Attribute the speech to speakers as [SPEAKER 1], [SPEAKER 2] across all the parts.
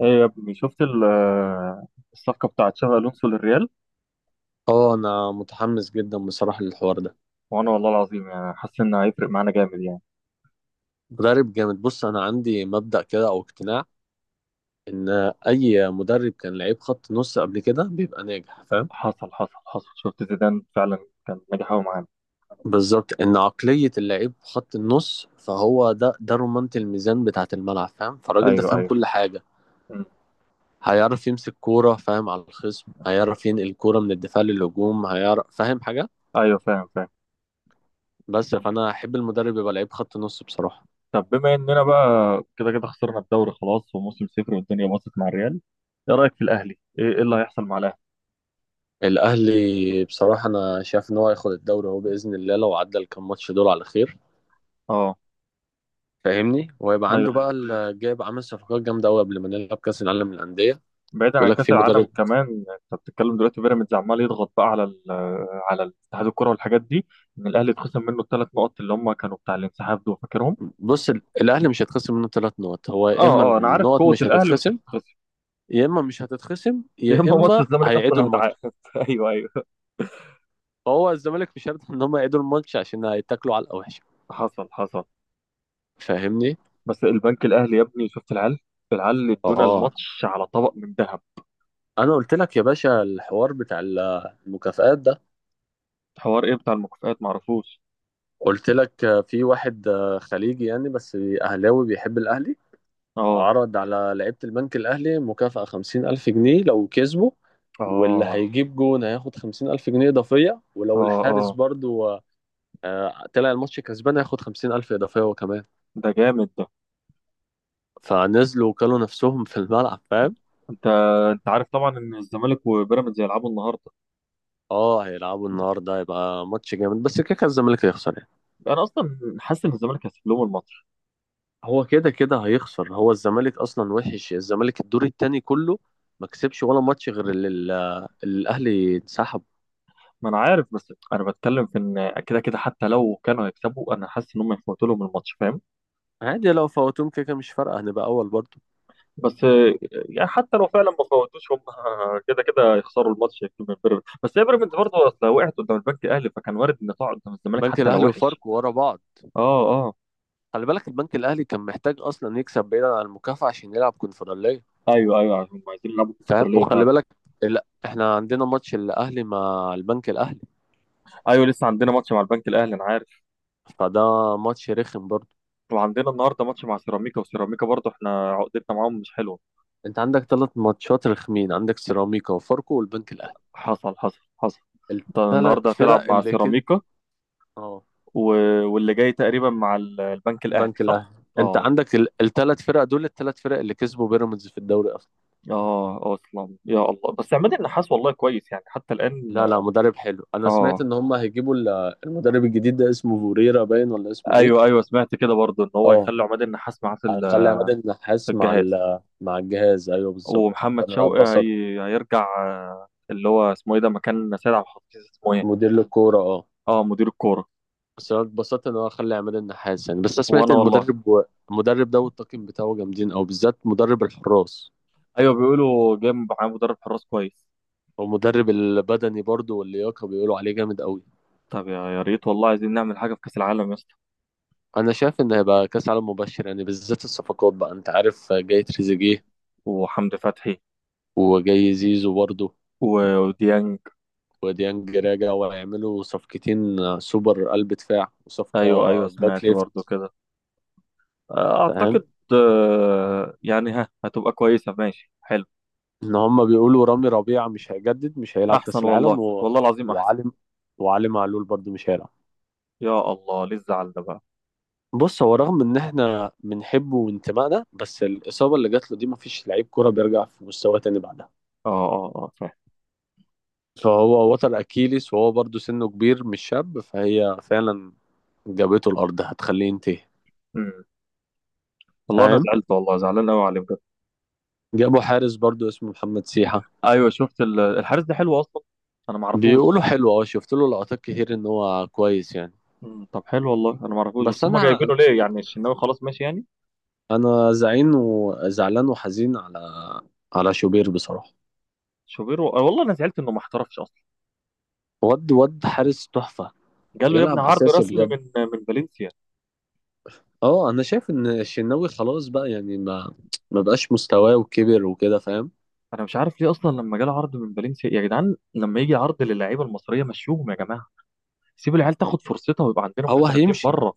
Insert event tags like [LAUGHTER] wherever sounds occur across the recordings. [SPEAKER 1] ايه يا ابني شفت الصفقة بتاعت شابي ألونسو للريال.
[SPEAKER 2] اه، انا متحمس جدا بصراحة للحوار ده.
[SPEAKER 1] وانا والله العظيم يعني حاسس انه هيفرق معانا جامد يعني.
[SPEAKER 2] مدرب جامد. بص، انا عندي مبدأ كده او اقتناع ان اي مدرب كان لعيب خط نص قبل كده بيبقى ناجح، فاهم.
[SPEAKER 1] حصل حصل حصل، شفت زيدان فعلا كان ناجح قوي معانا.
[SPEAKER 2] بالظبط، ان عقلية اللعيب خط النص، فهو ده رمانة الميزان بتاعة الملعب، فاهم. فالراجل ده
[SPEAKER 1] ايوه
[SPEAKER 2] فاهم
[SPEAKER 1] ايوه.
[SPEAKER 2] كل حاجة،
[SPEAKER 1] مم.
[SPEAKER 2] هيعرف يمسك كورة، فاهم على الخصم، هيعرف ينقل الكورة من الدفاع للهجوم، هيعرف فاهم حاجة.
[SPEAKER 1] ايوه فاهم فاهم.
[SPEAKER 2] بس فانا احب المدرب يبقى لعيب خط نص بصراحة.
[SPEAKER 1] طب بما اننا بقى كده كده خسرنا الدوري خلاص وموسم صفر والدنيا باظت مع الريال، ايه رأيك في الاهلي؟ ايه إيه اللي هيحصل مع الاهلي؟
[SPEAKER 2] الاهلي بصراحه انا شايف ان هو هياخد الدوري اهو باذن الله، لو عدى الكام ماتش دول على خير،
[SPEAKER 1] اه.
[SPEAKER 2] فاهمني، وهيبقى
[SPEAKER 1] ايوه
[SPEAKER 2] عنده
[SPEAKER 1] ايوه.
[SPEAKER 2] بقى جايب عامل صفقات جامده قوي قبل ما نلعب كاس العالم للانديه.
[SPEAKER 1] بعيدا
[SPEAKER 2] بيقول
[SPEAKER 1] عن
[SPEAKER 2] لك
[SPEAKER 1] كاس
[SPEAKER 2] في
[SPEAKER 1] العالم
[SPEAKER 2] مدرب.
[SPEAKER 1] كمان انت بتتكلم دلوقتي بيراميدز عمال يضغط بقى على على اتحاد الكره والحاجات دي. ان الاهلي اتخصم منه الثلاث نقط اللي هم كانوا بتاع الانسحاب دول فاكرهم.
[SPEAKER 2] بص، الاهلي مش هيتخصم منه 3 نقط، هو يا
[SPEAKER 1] اه
[SPEAKER 2] اما
[SPEAKER 1] اه، انا عارف
[SPEAKER 2] النقط
[SPEAKER 1] قوه
[SPEAKER 2] مش
[SPEAKER 1] الاهلي مش
[SPEAKER 2] هتتخصم،
[SPEAKER 1] هتتخسر.
[SPEAKER 2] يا اما مش هتتخصم،
[SPEAKER 1] يا
[SPEAKER 2] يا
[SPEAKER 1] اما ماتش
[SPEAKER 2] اما
[SPEAKER 1] الزمالك
[SPEAKER 2] هيعيدوا
[SPEAKER 1] اصلا هيتعاد
[SPEAKER 2] الماتش.
[SPEAKER 1] [LAUGHS] ايوه ايوه.
[SPEAKER 2] فهو الزمالك مش هيرضى ان هم يعيدوا الماتش عشان هيتاكلوا على الوحشه،
[SPEAKER 1] حصل حصل.
[SPEAKER 2] فاهمني.
[SPEAKER 1] بس البنك الاهلي يا ابني شفت العيال، العيال ادونا
[SPEAKER 2] اه،
[SPEAKER 1] الماتش على طبق من ذهب.
[SPEAKER 2] انا قلت لك يا باشا الحوار بتاع المكافآت ده.
[SPEAKER 1] حوار ايه بتاع المكافآت، معرفوش.
[SPEAKER 2] قلت لك في واحد خليجي يعني، بس أهلاوي بيحب الأهلي،
[SPEAKER 1] اه
[SPEAKER 2] عرض على لعيبة البنك الأهلي مكافأة 50,000 جنيه لو كسبوا، واللي
[SPEAKER 1] اه
[SPEAKER 2] هيجيب جون هياخد 50,000 جنيه إضافية،
[SPEAKER 1] اه
[SPEAKER 2] ولو الحارس
[SPEAKER 1] اه.
[SPEAKER 2] برضو طلع الماتش كسبان هياخد 50,000 إضافية وكمان.
[SPEAKER 1] ده جامد ده.
[SPEAKER 2] فنزلوا وكلوا نفسهم في الملعب، فاهم.
[SPEAKER 1] انت انت عارف طبعا ان الزمالك وبيراميدز هيلعبوا النهارده.
[SPEAKER 2] اه، هيلعبوا النهارده، هيبقى ماتش جامد، بس كده كده الزمالك هيخسر يعني.
[SPEAKER 1] انا اصلا حاسس ان الزمالك هيسيب لهم الماتش.
[SPEAKER 2] هو كده كده هيخسر، هو الزمالك اصلا وحش، الزمالك الدور التاني كله ما كسبش ولا ماتش غير اللي الاهلي انسحب.
[SPEAKER 1] ما انا عارف، بس انا بتكلم في ان كده كده حتى لو كانوا هيكسبوا انا حاسس ان هم يفوتوا لهم الماتش، فاهم؟
[SPEAKER 2] عادي، لو فوتوهم كده كده مش فارقه، هنبقى اول برضه.
[SPEAKER 1] بس يعني حتى لو فعلا ما فوتوش هم كده كده يخسروا الماتش من بيراميدز، بس هي بيراميدز برضه اصل وقعت قدام البنك الاهلي فكان وارد ان تقع قدام الزمالك
[SPEAKER 2] البنك
[SPEAKER 1] حتى لو
[SPEAKER 2] الاهلي
[SPEAKER 1] وحش.
[SPEAKER 2] وفاركو ورا بعض.
[SPEAKER 1] اه اه.
[SPEAKER 2] خلي بالك البنك الاهلي كان محتاج اصلا يكسب بعيدا عن المكافاه عشان يلعب كونفدراليه،
[SPEAKER 1] ايوه ايوه عشان هم عايزين يلعبوا في الفتره
[SPEAKER 2] فاهم.
[SPEAKER 1] اللي
[SPEAKER 2] وخلي
[SPEAKER 1] فعلا.
[SPEAKER 2] بالك، لا احنا عندنا ماتش الاهلي مع البنك الاهلي،
[SPEAKER 1] ايوه لسه عندنا ماتش مع البنك الاهلي انا عارف.
[SPEAKER 2] فده ماتش رخم برضه.
[SPEAKER 1] وعندنا النهارده ماتش مع سيراميكا، وسيراميكا برضه احنا عقدتنا معاهم مش حلوه.
[SPEAKER 2] انت عندك 3 ماتشات رخمين، عندك سيراميكا وفاركو والبنك الاهلي،
[SPEAKER 1] حصل حصل حصل. انت
[SPEAKER 2] الثلاث
[SPEAKER 1] النهارده هتلعب
[SPEAKER 2] فرق
[SPEAKER 1] مع
[SPEAKER 2] اللي كده.
[SPEAKER 1] سيراميكا
[SPEAKER 2] اه،
[SPEAKER 1] و... واللي جاي تقريبا مع البنك الاهلي
[SPEAKER 2] بنك الاهلي.
[SPEAKER 1] صح؟
[SPEAKER 2] انت
[SPEAKER 1] اه.
[SPEAKER 2] عندك الـ3 فرق دول، الـ3 فرق اللي كسبوا بيراميدز في الدوري اصلا.
[SPEAKER 1] اه اصلا، يا الله، بس عماد النحاس والله كويس يعني حتى الان.
[SPEAKER 2] لا لا، مدرب حلو. انا سمعت
[SPEAKER 1] اه
[SPEAKER 2] ان هم هيجيبوا المدرب الجديد ده، اسمه فوريرا باين، ولا اسمه ايه.
[SPEAKER 1] ايوه ايوه سمعت كده برضه ان هو
[SPEAKER 2] اه،
[SPEAKER 1] هيخلي عماد النحاس معاه في
[SPEAKER 2] هيخلي عماد
[SPEAKER 1] في
[SPEAKER 2] النحاس مع
[SPEAKER 1] الجهاز.
[SPEAKER 2] مع الجهاز، ايوه بالظبط،
[SPEAKER 1] ومحمد
[SPEAKER 2] فانا
[SPEAKER 1] شوقي
[SPEAKER 2] اتبسطت.
[SPEAKER 1] هيرجع اللي هو اسمه ايه ده مكان سيد عبد الحفيظ اسمه ايه؟
[SPEAKER 2] مدير للكوره، اه.
[SPEAKER 1] اه مدير الكوره.
[SPEAKER 2] بس انا اتبسطت ان هو خلى عماد النحاس يعني، بس انا سمعت
[SPEAKER 1] وانا
[SPEAKER 2] ان
[SPEAKER 1] والله.
[SPEAKER 2] المدرب ده والطاقم بتاعه جامدين، او بالذات مدرب الحراس،
[SPEAKER 1] ايوه بيقولوا جاي معاه مدرب حراس كويس.
[SPEAKER 2] ومدرب البدني برضو واللياقه بيقولوا عليه جامد قوي.
[SPEAKER 1] طب يا يا ريت والله عايزين نعمل حاجه في كاس العالم يا اسطى.
[SPEAKER 2] انا شايف ان هيبقى كاس عالم مبشر يعني، بالذات الصفقات بقى. انت عارف، جاي تريزيجيه،
[SPEAKER 1] وحمدي فتحي
[SPEAKER 2] وجاي زيزو برضه،
[SPEAKER 1] وديانج.
[SPEAKER 2] وديانج راجع، وهيعملوا صفقتين، سوبر قلب دفاع وصفقة
[SPEAKER 1] ايوه ايوه
[SPEAKER 2] باك
[SPEAKER 1] سمعت برضه
[SPEAKER 2] ليفت،
[SPEAKER 1] كده.
[SPEAKER 2] فاهم.
[SPEAKER 1] اعتقد يعني ها هتبقى كويسه، ماشي حلو.
[SPEAKER 2] ان هم بيقولوا رامي ربيعة مش هيجدد، مش هيلعب كاس
[SPEAKER 1] احسن والله،
[SPEAKER 2] العالم،
[SPEAKER 1] والله العظيم احسن.
[SPEAKER 2] وعلي وعلي معلول برضه مش هيلعب.
[SPEAKER 1] يا الله ليه الزعل ده بقى؟
[SPEAKER 2] بص، هو رغم ان احنا بنحبه وانتمائنا، بس الاصابة اللي جات له دي مفيش لعيب كرة بيرجع في مستواه تاني بعدها.
[SPEAKER 1] اه اه اه فاهم.
[SPEAKER 2] فهو وتر اكيليس، وهو برضه سنه كبير مش شاب، فهي فعلا جابته الارض هتخليه ينتهي،
[SPEAKER 1] مم. والله انا
[SPEAKER 2] فاهم.
[SPEAKER 1] زعلت والله زعلان قوي عليه بجد.
[SPEAKER 2] جابوا حارس برضو اسمه محمد سيحة،
[SPEAKER 1] ايوه شفت الحارس ده حلو اصلا. انا ما اعرفوش.
[SPEAKER 2] بيقولوا حلو، اه شفت له لقطات كتير ان هو كويس يعني.
[SPEAKER 1] مم، طب حلو والله انا ما اعرفوش
[SPEAKER 2] بس
[SPEAKER 1] بس هم
[SPEAKER 2] انا
[SPEAKER 1] جايبينه ليه يعني الشناوي خلاص ماشي يعني.
[SPEAKER 2] انا زعين وزعلان وحزين على على شوبير بصراحة.
[SPEAKER 1] شوبيرو والله انا زعلت انه ما احترفش اصلا.
[SPEAKER 2] ود حارس تحفة،
[SPEAKER 1] جاله يا ابني
[SPEAKER 2] يلعب
[SPEAKER 1] عرض
[SPEAKER 2] اساسي
[SPEAKER 1] رسمي
[SPEAKER 2] بجد.
[SPEAKER 1] من فالنسيا.
[SPEAKER 2] اه، انا شايف ان الشناوي خلاص بقى يعني، ما بقاش مستواه وكبر وكده، فاهم.
[SPEAKER 1] انا مش عارف ليه اصلا لما جاله عرض من فالنسيا، يا جدعان لما يجي عرض للعيبه المصريه مشوهم يا جماعه. سيب العيال تاخد فرصتها ويبقى عندنا
[SPEAKER 2] هو
[SPEAKER 1] محترفين
[SPEAKER 2] هيمشي،
[SPEAKER 1] بره.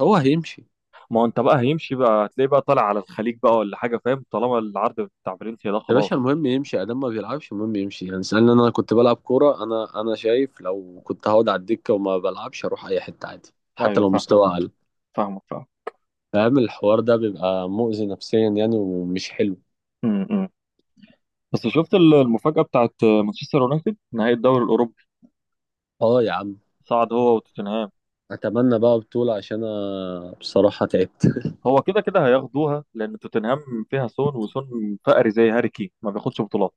[SPEAKER 2] هو هيمشي.
[SPEAKER 1] ما هو انت بقى هيمشي بقى هتلاقيه بقى طالع على الخليج بقى ولا حاجه، فاهم؟ طالما العرض بتاع فالنسيا ده
[SPEAKER 2] يا باشا،
[SPEAKER 1] خلاص.
[SPEAKER 2] المهم يمشي، ادام ما بيلعبش المهم يمشي يعني. سألني انا كنت بلعب كوره، انا شايف لو كنت هقعد على الدكه وما بلعبش اروح اي حته عادي، حتى
[SPEAKER 1] ايوه
[SPEAKER 2] لو
[SPEAKER 1] فاهمك
[SPEAKER 2] مستوى
[SPEAKER 1] فاهمك.
[SPEAKER 2] اقل.
[SPEAKER 1] فاهمك فاهم.
[SPEAKER 2] فاهم الحوار ده بيبقى مؤذي نفسيا يعني ومش حلو.
[SPEAKER 1] امم بس شفت المفاجأة بتاعت مانشستر يونايتد نهائي الدوري الأوروبي؟
[SPEAKER 2] اه يا عم،
[SPEAKER 1] صعد هو وتوتنهام.
[SPEAKER 2] اتمنى بقى بطوله عشان انا بصراحه تعبت.
[SPEAKER 1] هو كده كده هياخدوها لان توتنهام فيها سون، وسون فقري زي هاري كين ما بياخدش بطولات.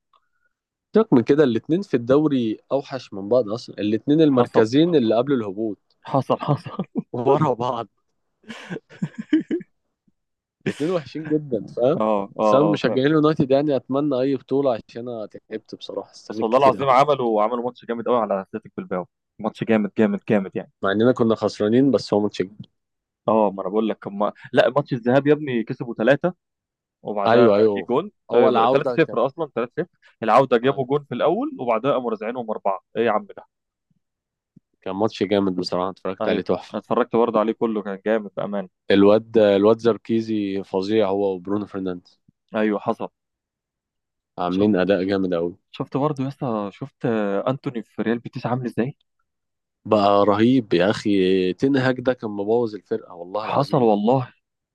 [SPEAKER 2] سيبك من كده، الاتنين في الدوري اوحش من بعض اصلا، الاتنين
[SPEAKER 1] حصل
[SPEAKER 2] المركزين اللي قبل الهبوط
[SPEAKER 1] حصل حصل.
[SPEAKER 2] ورا بعض، الاتنين وحشين جدا، فاهم.
[SPEAKER 1] اه اه
[SPEAKER 2] بس انا
[SPEAKER 1] اه فاهم.
[SPEAKER 2] مشجعين اليونايتد يعني، اتمنى اي بطوله عشان انا تعبت بصراحه،
[SPEAKER 1] بس
[SPEAKER 2] استنيت
[SPEAKER 1] والله
[SPEAKER 2] كتير
[SPEAKER 1] العظيم
[SPEAKER 2] قوي.
[SPEAKER 1] عملوا عملوا ماتش جامد قوي على اتلتيك بالباو. ماتش جامد جامد جامد يعني.
[SPEAKER 2] مع اننا كنا خسرانين بس هو ماتش جامد.
[SPEAKER 1] اه ما انا بقول لك لا ماتش الذهاب يا ابني كسبوا ثلاثة. وبعدها
[SPEAKER 2] ايوه،
[SPEAKER 1] جه
[SPEAKER 2] ايوه،
[SPEAKER 1] جون.
[SPEAKER 2] اول
[SPEAKER 1] ثلاثة
[SPEAKER 2] عودة كانت.
[SPEAKER 1] صفر اصلا، ثلاثة صفر. العودة جابوا
[SPEAKER 2] ايوه،
[SPEAKER 1] جون في الاول وبعدها قاموا رازعينهم اربعة، ايه يا عم ده؟
[SPEAKER 2] كان ماتش جامد بصراحة، اتفرجت عليه
[SPEAKER 1] ايوه. انا
[SPEAKER 2] تحفة.
[SPEAKER 1] اتفرجت برضه عليه كله كان جامد بامان.
[SPEAKER 2] الواد زركيزي فظيع، هو وبرونو فرنانديز،
[SPEAKER 1] ايوه حصل. شفت
[SPEAKER 2] عاملين اداء جامد قوي.
[SPEAKER 1] شفت برضه يا اسطى، شفت انتوني في ريال بيتيس عامل ازاي؟
[SPEAKER 2] بقى رهيب يا اخي، تنهاج ده كان مبوظ الفرقة والله
[SPEAKER 1] حصل
[SPEAKER 2] العظيم.
[SPEAKER 1] والله.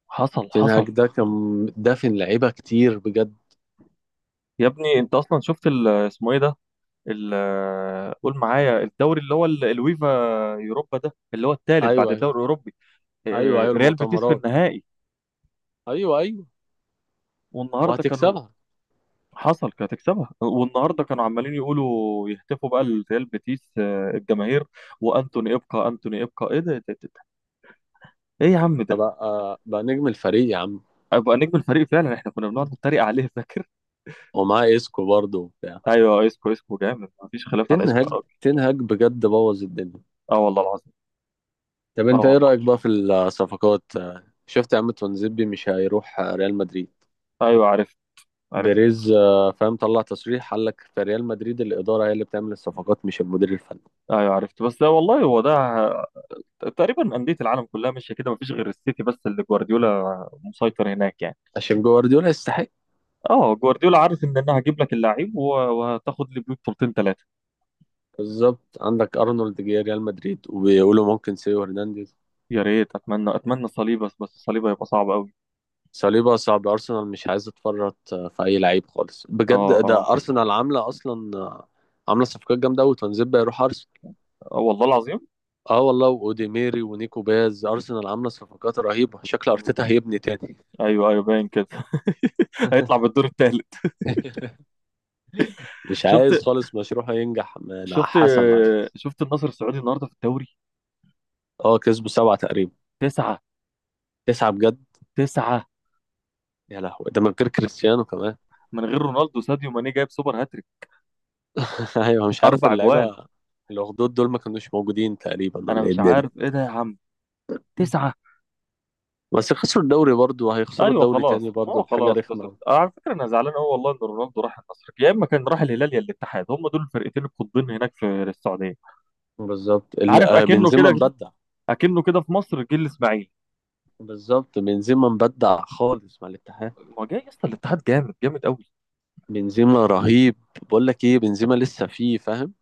[SPEAKER 1] حصل
[SPEAKER 2] تنهاج
[SPEAKER 1] حصل.
[SPEAKER 2] ده كان دافن لعيبة كتير بجد.
[SPEAKER 1] يا ابني انت اصلا شفت اسمه ايه ده ال... آه، قول معايا الدوري اللي هو الويفا يوروبا ده اللي هو الثالث بعد
[SPEAKER 2] ايوه، ايوه.
[SPEAKER 1] الدوري الاوروبي.
[SPEAKER 2] ايوه، ايوه،
[SPEAKER 1] ريال بيتيس في
[SPEAKER 2] المؤتمرات.
[SPEAKER 1] النهائي.
[SPEAKER 2] ايوه ايوه،
[SPEAKER 1] والنهارده كانوا.
[SPEAKER 2] وهتكسبها.
[SPEAKER 1] حصل كانت تكسبها، والنهارده كانوا عمالين يقولوا يهتفوا بقى لريال بيتيس الجماهير. وانتوني ابقى، انتوني ابقى ايه ده، إيه ده. ايه يا عم ده؟
[SPEAKER 2] فبقى بقى نجم الفريق يا عم.
[SPEAKER 1] ابقى نجم الفريق فعلا، احنا كنا بنقعد نتريق عليه فاكر.
[SPEAKER 2] ومعاه اسكو برضه وبتاع.
[SPEAKER 1] ايوه اسكو، اسكو جامد، مفيش خلاف على اسكو يا
[SPEAKER 2] تنهاج،
[SPEAKER 1] راجل.
[SPEAKER 2] تنهاج بجد بوظ الدنيا.
[SPEAKER 1] اه والله العظيم.
[SPEAKER 2] طب،
[SPEAKER 1] اه
[SPEAKER 2] انت ايه
[SPEAKER 1] والله.
[SPEAKER 2] رأيك بقى في الصفقات؟ شفت يا عم، تونزيبي مش هيروح ريال مدريد.
[SPEAKER 1] ايوه عرفت. عرفت.
[SPEAKER 2] بيريز، فاهم، طلع تصريح قال لك في ريال مدريد الإدارة هي اللي بتعمل الصفقات مش المدير الفني.
[SPEAKER 1] ايوه عرفت بس ده والله هو ده. تقريبا انديه العالم كلها ماشيه كده مفيش غير السيتي بس اللي جوارديولا مسيطر هناك يعني.
[SPEAKER 2] عشان جوارديولا يستحق.
[SPEAKER 1] اه جوارديولا عارف ان انا هجيب لك اللعيب وهتاخد لي بيه بطولتين ثلاثه.
[SPEAKER 2] بالظبط، عندك أرنولد جه ريال مدريد، وبيقولوا ممكن سيو هرنانديز.
[SPEAKER 1] يا ريت اتمنى اتمنى صليبه، بس بس صليبه هيبقى صعب قوي.
[SPEAKER 2] صليبا صعب، أرسنال مش عايز تفرط في أي لعيب خالص
[SPEAKER 1] اه
[SPEAKER 2] بجد،
[SPEAKER 1] اه
[SPEAKER 2] ده أرسنال عاملة أصلا، عاملة صفقات جامدة أوي. تونزيبي هيروح أرسنال.
[SPEAKER 1] والله العظيم.
[SPEAKER 2] اه والله، واوديميري ونيكو باز، ارسنال عامله صفقات رهيبه، شكل
[SPEAKER 1] مم.
[SPEAKER 2] ارتيتا هيبني تاني.
[SPEAKER 1] ايوه ايوه باين كده. [LAUGHS] هيطلع
[SPEAKER 2] [LAUGHS]
[SPEAKER 1] بالدور الثالث.
[SPEAKER 2] مش
[SPEAKER 1] شفت
[SPEAKER 2] عايز خالص مشروعه ينجح مع
[SPEAKER 1] شفت.
[SPEAKER 2] حسن عادي.
[SPEAKER 1] شفت النصر السعودي النهارده في الدوري؟
[SPEAKER 2] اه، كسبوا 7 تقريبا.
[SPEAKER 1] تسعة.
[SPEAKER 2] 9 بجد.
[SPEAKER 1] تسعة
[SPEAKER 2] يا لهوي، ده من غير كريستيانو كمان.
[SPEAKER 1] من غير رونالدو، ساديو ماني جايب سوبر هاتريك.
[SPEAKER 2] [LAUGHS] ايوه، مش عارف
[SPEAKER 1] اربع جوال.
[SPEAKER 2] اللعيبة. الأخدود دول ما كانوش موجودين تقريبا،
[SPEAKER 1] انا
[SPEAKER 2] ولا ايه
[SPEAKER 1] مش
[SPEAKER 2] الدنيا.
[SPEAKER 1] عارف ايه ده يا عم. تسعة.
[SPEAKER 2] بس خسروا الدوري برضه، وهيخسروا
[SPEAKER 1] ايوه
[SPEAKER 2] الدوري تاني
[SPEAKER 1] خلاص، ما
[SPEAKER 2] برضه
[SPEAKER 1] هو
[SPEAKER 2] بحاجة
[SPEAKER 1] خلاص
[SPEAKER 2] رخمة
[SPEAKER 1] خسرت.
[SPEAKER 2] أوي.
[SPEAKER 1] أنا على فكره انا زعلان قوي والله ان رونالدو راح النصر، يا اما كان راح الهلال يا الاتحاد، هم دول الفرقتين القطبين هناك في السعوديه.
[SPEAKER 2] بالظبط،
[SPEAKER 1] عارف اكنه
[SPEAKER 2] بنزيما
[SPEAKER 1] كده،
[SPEAKER 2] مبدع.
[SPEAKER 1] اكنه كده في مصر جه الاسماعيلي.
[SPEAKER 2] بالظبط بنزيما مبدع خالص مع الاتحاد.
[SPEAKER 1] ما جاي يا اسطى الاتحاد جامد جامد قوي.
[SPEAKER 2] بنزيما رهيب. بقول لك ايه، بنزيما لسه فيه فاهم.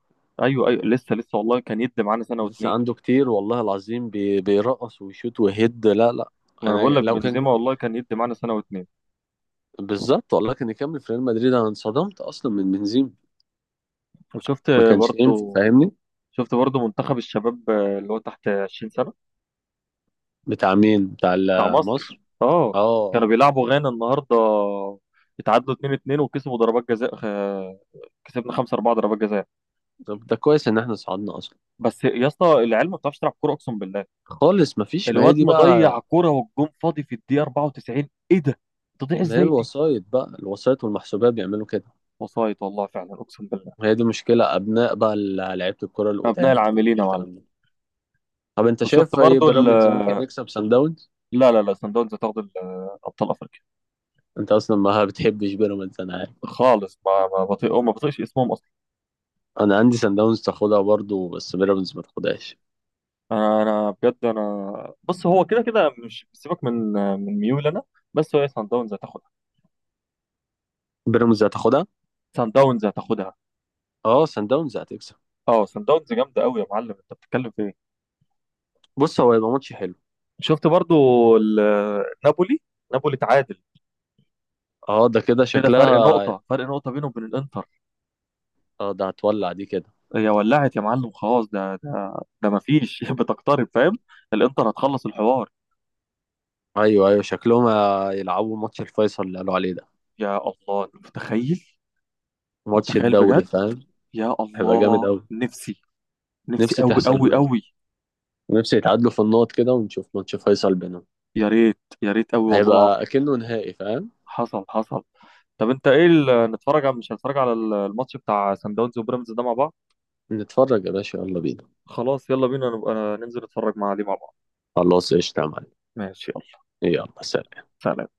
[SPEAKER 1] ايوه ايوه لسه لسه والله كان يدي معانا سنه
[SPEAKER 2] لسه
[SPEAKER 1] واتنين.
[SPEAKER 2] عنده كتير والله العظيم، بيرقص ويشوت ويهد. لا لا،
[SPEAKER 1] ما انا بقول
[SPEAKER 2] انا
[SPEAKER 1] لك
[SPEAKER 2] لو كان،
[SPEAKER 1] بنزيما والله كان يدي معانا سنه واتنين.
[SPEAKER 2] بالظبط، والله كان يكمل في ريال مدريد، انا انصدمت اصلا من بنزيما،
[SPEAKER 1] وشفت
[SPEAKER 2] ما كانش يمشي،
[SPEAKER 1] برضو.
[SPEAKER 2] فاهمني.
[SPEAKER 1] شفت برضو منتخب الشباب اللي هو تحت 20 سنه؟
[SPEAKER 2] بتاع مين، بتاع
[SPEAKER 1] بتاع مصر
[SPEAKER 2] مصر؟
[SPEAKER 1] اه.
[SPEAKER 2] اه،
[SPEAKER 1] كانوا
[SPEAKER 2] اه.
[SPEAKER 1] بيلعبوا غانا النهارده، اتعادلوا 2-2 وكسبوا ضربات جزاء، كسبنا 5-4 ضربات جزاء.
[SPEAKER 2] طب ده كويس ان احنا صعدنا اصلا.
[SPEAKER 1] بس يا اسطى العيال ما بتعرفش تلعب كوره اقسم بالله.
[SPEAKER 2] خالص، ما فيش، ما هي
[SPEAKER 1] الواد
[SPEAKER 2] دي
[SPEAKER 1] مضيع
[SPEAKER 2] بقى.
[SPEAKER 1] كوره والجون فاضي في الدقيقه 94، ايه ده؟ تضيع
[SPEAKER 2] ما هي
[SPEAKER 1] ازاي دي؟
[SPEAKER 2] الوسايط بقى، الوسايط والمحسوبيه بيعملوا كده.
[SPEAKER 1] وصايت والله فعلا اقسم بالله.
[SPEAKER 2] وهي دي مشكله، ابناء بقى لعيبه الكره
[SPEAKER 1] ابناء
[SPEAKER 2] القدام
[SPEAKER 1] العاملين يا معلم.
[SPEAKER 2] والكلام ده. طب، انت
[SPEAKER 1] وشفت
[SPEAKER 2] شايف ايه،
[SPEAKER 1] برضو ال،
[SPEAKER 2] بيراميدز ممكن يكسب سان داونز؟
[SPEAKER 1] لا لا لا، سان داونز هتاخد ابطال افريقيا.
[SPEAKER 2] انت اصلا ما بتحبش بيراميدز انا عارف.
[SPEAKER 1] خالص ما بطيء ما بطيقش اسمهم اصلا.
[SPEAKER 2] انا عندي سان داونز تاخدها برضو، بس بيراميدز ما تاخدهاش.
[SPEAKER 1] انا بجد انا بص هو كده كده مش، سيبك من من ميول انا، بس هو سان داونز هتاخدها.
[SPEAKER 2] بيراميدز هتاخدها.
[SPEAKER 1] سان داونز هتاخدها.
[SPEAKER 2] اه، سان داونز هتكسب.
[SPEAKER 1] اه سان داونز جامده قوي يا معلم انت بتتكلم في ايه.
[SPEAKER 2] بص، هو يبقى ماتش حلو.
[SPEAKER 1] شفت برضو نابولي. نابولي تعادل
[SPEAKER 2] اه، ده كده
[SPEAKER 1] كده. فرق
[SPEAKER 2] شكلها.
[SPEAKER 1] نقطة، فرق نقطة بينه وبين الانتر.
[SPEAKER 2] اه، ده هتولع دي كده.
[SPEAKER 1] هي ولعت يا معلم خلاص، ده ده ده مفيش [LAUGHS] بتقترب فاهم. الانتر هتخلص الحوار.
[SPEAKER 2] ايوه ايوه، شكلهم يلعبوا ماتش الفيصل اللي قالوا عليه ده،
[SPEAKER 1] يا الله أنت متخيل؟
[SPEAKER 2] ماتش
[SPEAKER 1] متخيل
[SPEAKER 2] الدوري،
[SPEAKER 1] بجد.
[SPEAKER 2] فاهم.
[SPEAKER 1] يا
[SPEAKER 2] هيبقى جامد
[SPEAKER 1] الله.
[SPEAKER 2] قوي.
[SPEAKER 1] نفسي. نفسي
[SPEAKER 2] نفسي
[SPEAKER 1] قوي
[SPEAKER 2] تحصل
[SPEAKER 1] قوي
[SPEAKER 2] بجد،
[SPEAKER 1] قوي.
[SPEAKER 2] نفسي يتعادلوا في النقط كده، ونشوف ماتش فيصل بينهم،
[SPEAKER 1] يا ريت يا ريت قوي والله
[SPEAKER 2] هيبقى
[SPEAKER 1] العظيم.
[SPEAKER 2] اكنه نهائي، فاهم.
[SPEAKER 1] حصل حصل. طب انت ايه نتفرج على، مش هنتفرج على الماتش بتاع سان داونز وبيراميدز ده مع بعض؟
[SPEAKER 2] نتفرج يا باشا، يلا بينا.
[SPEAKER 1] خلاص يلا بينا نبقى ننزل نتفرج مع عليه مع بعض.
[SPEAKER 2] خلاص قشطة يا معلم.
[SPEAKER 1] ماشي يلا
[SPEAKER 2] يلا، سلام.
[SPEAKER 1] سلام.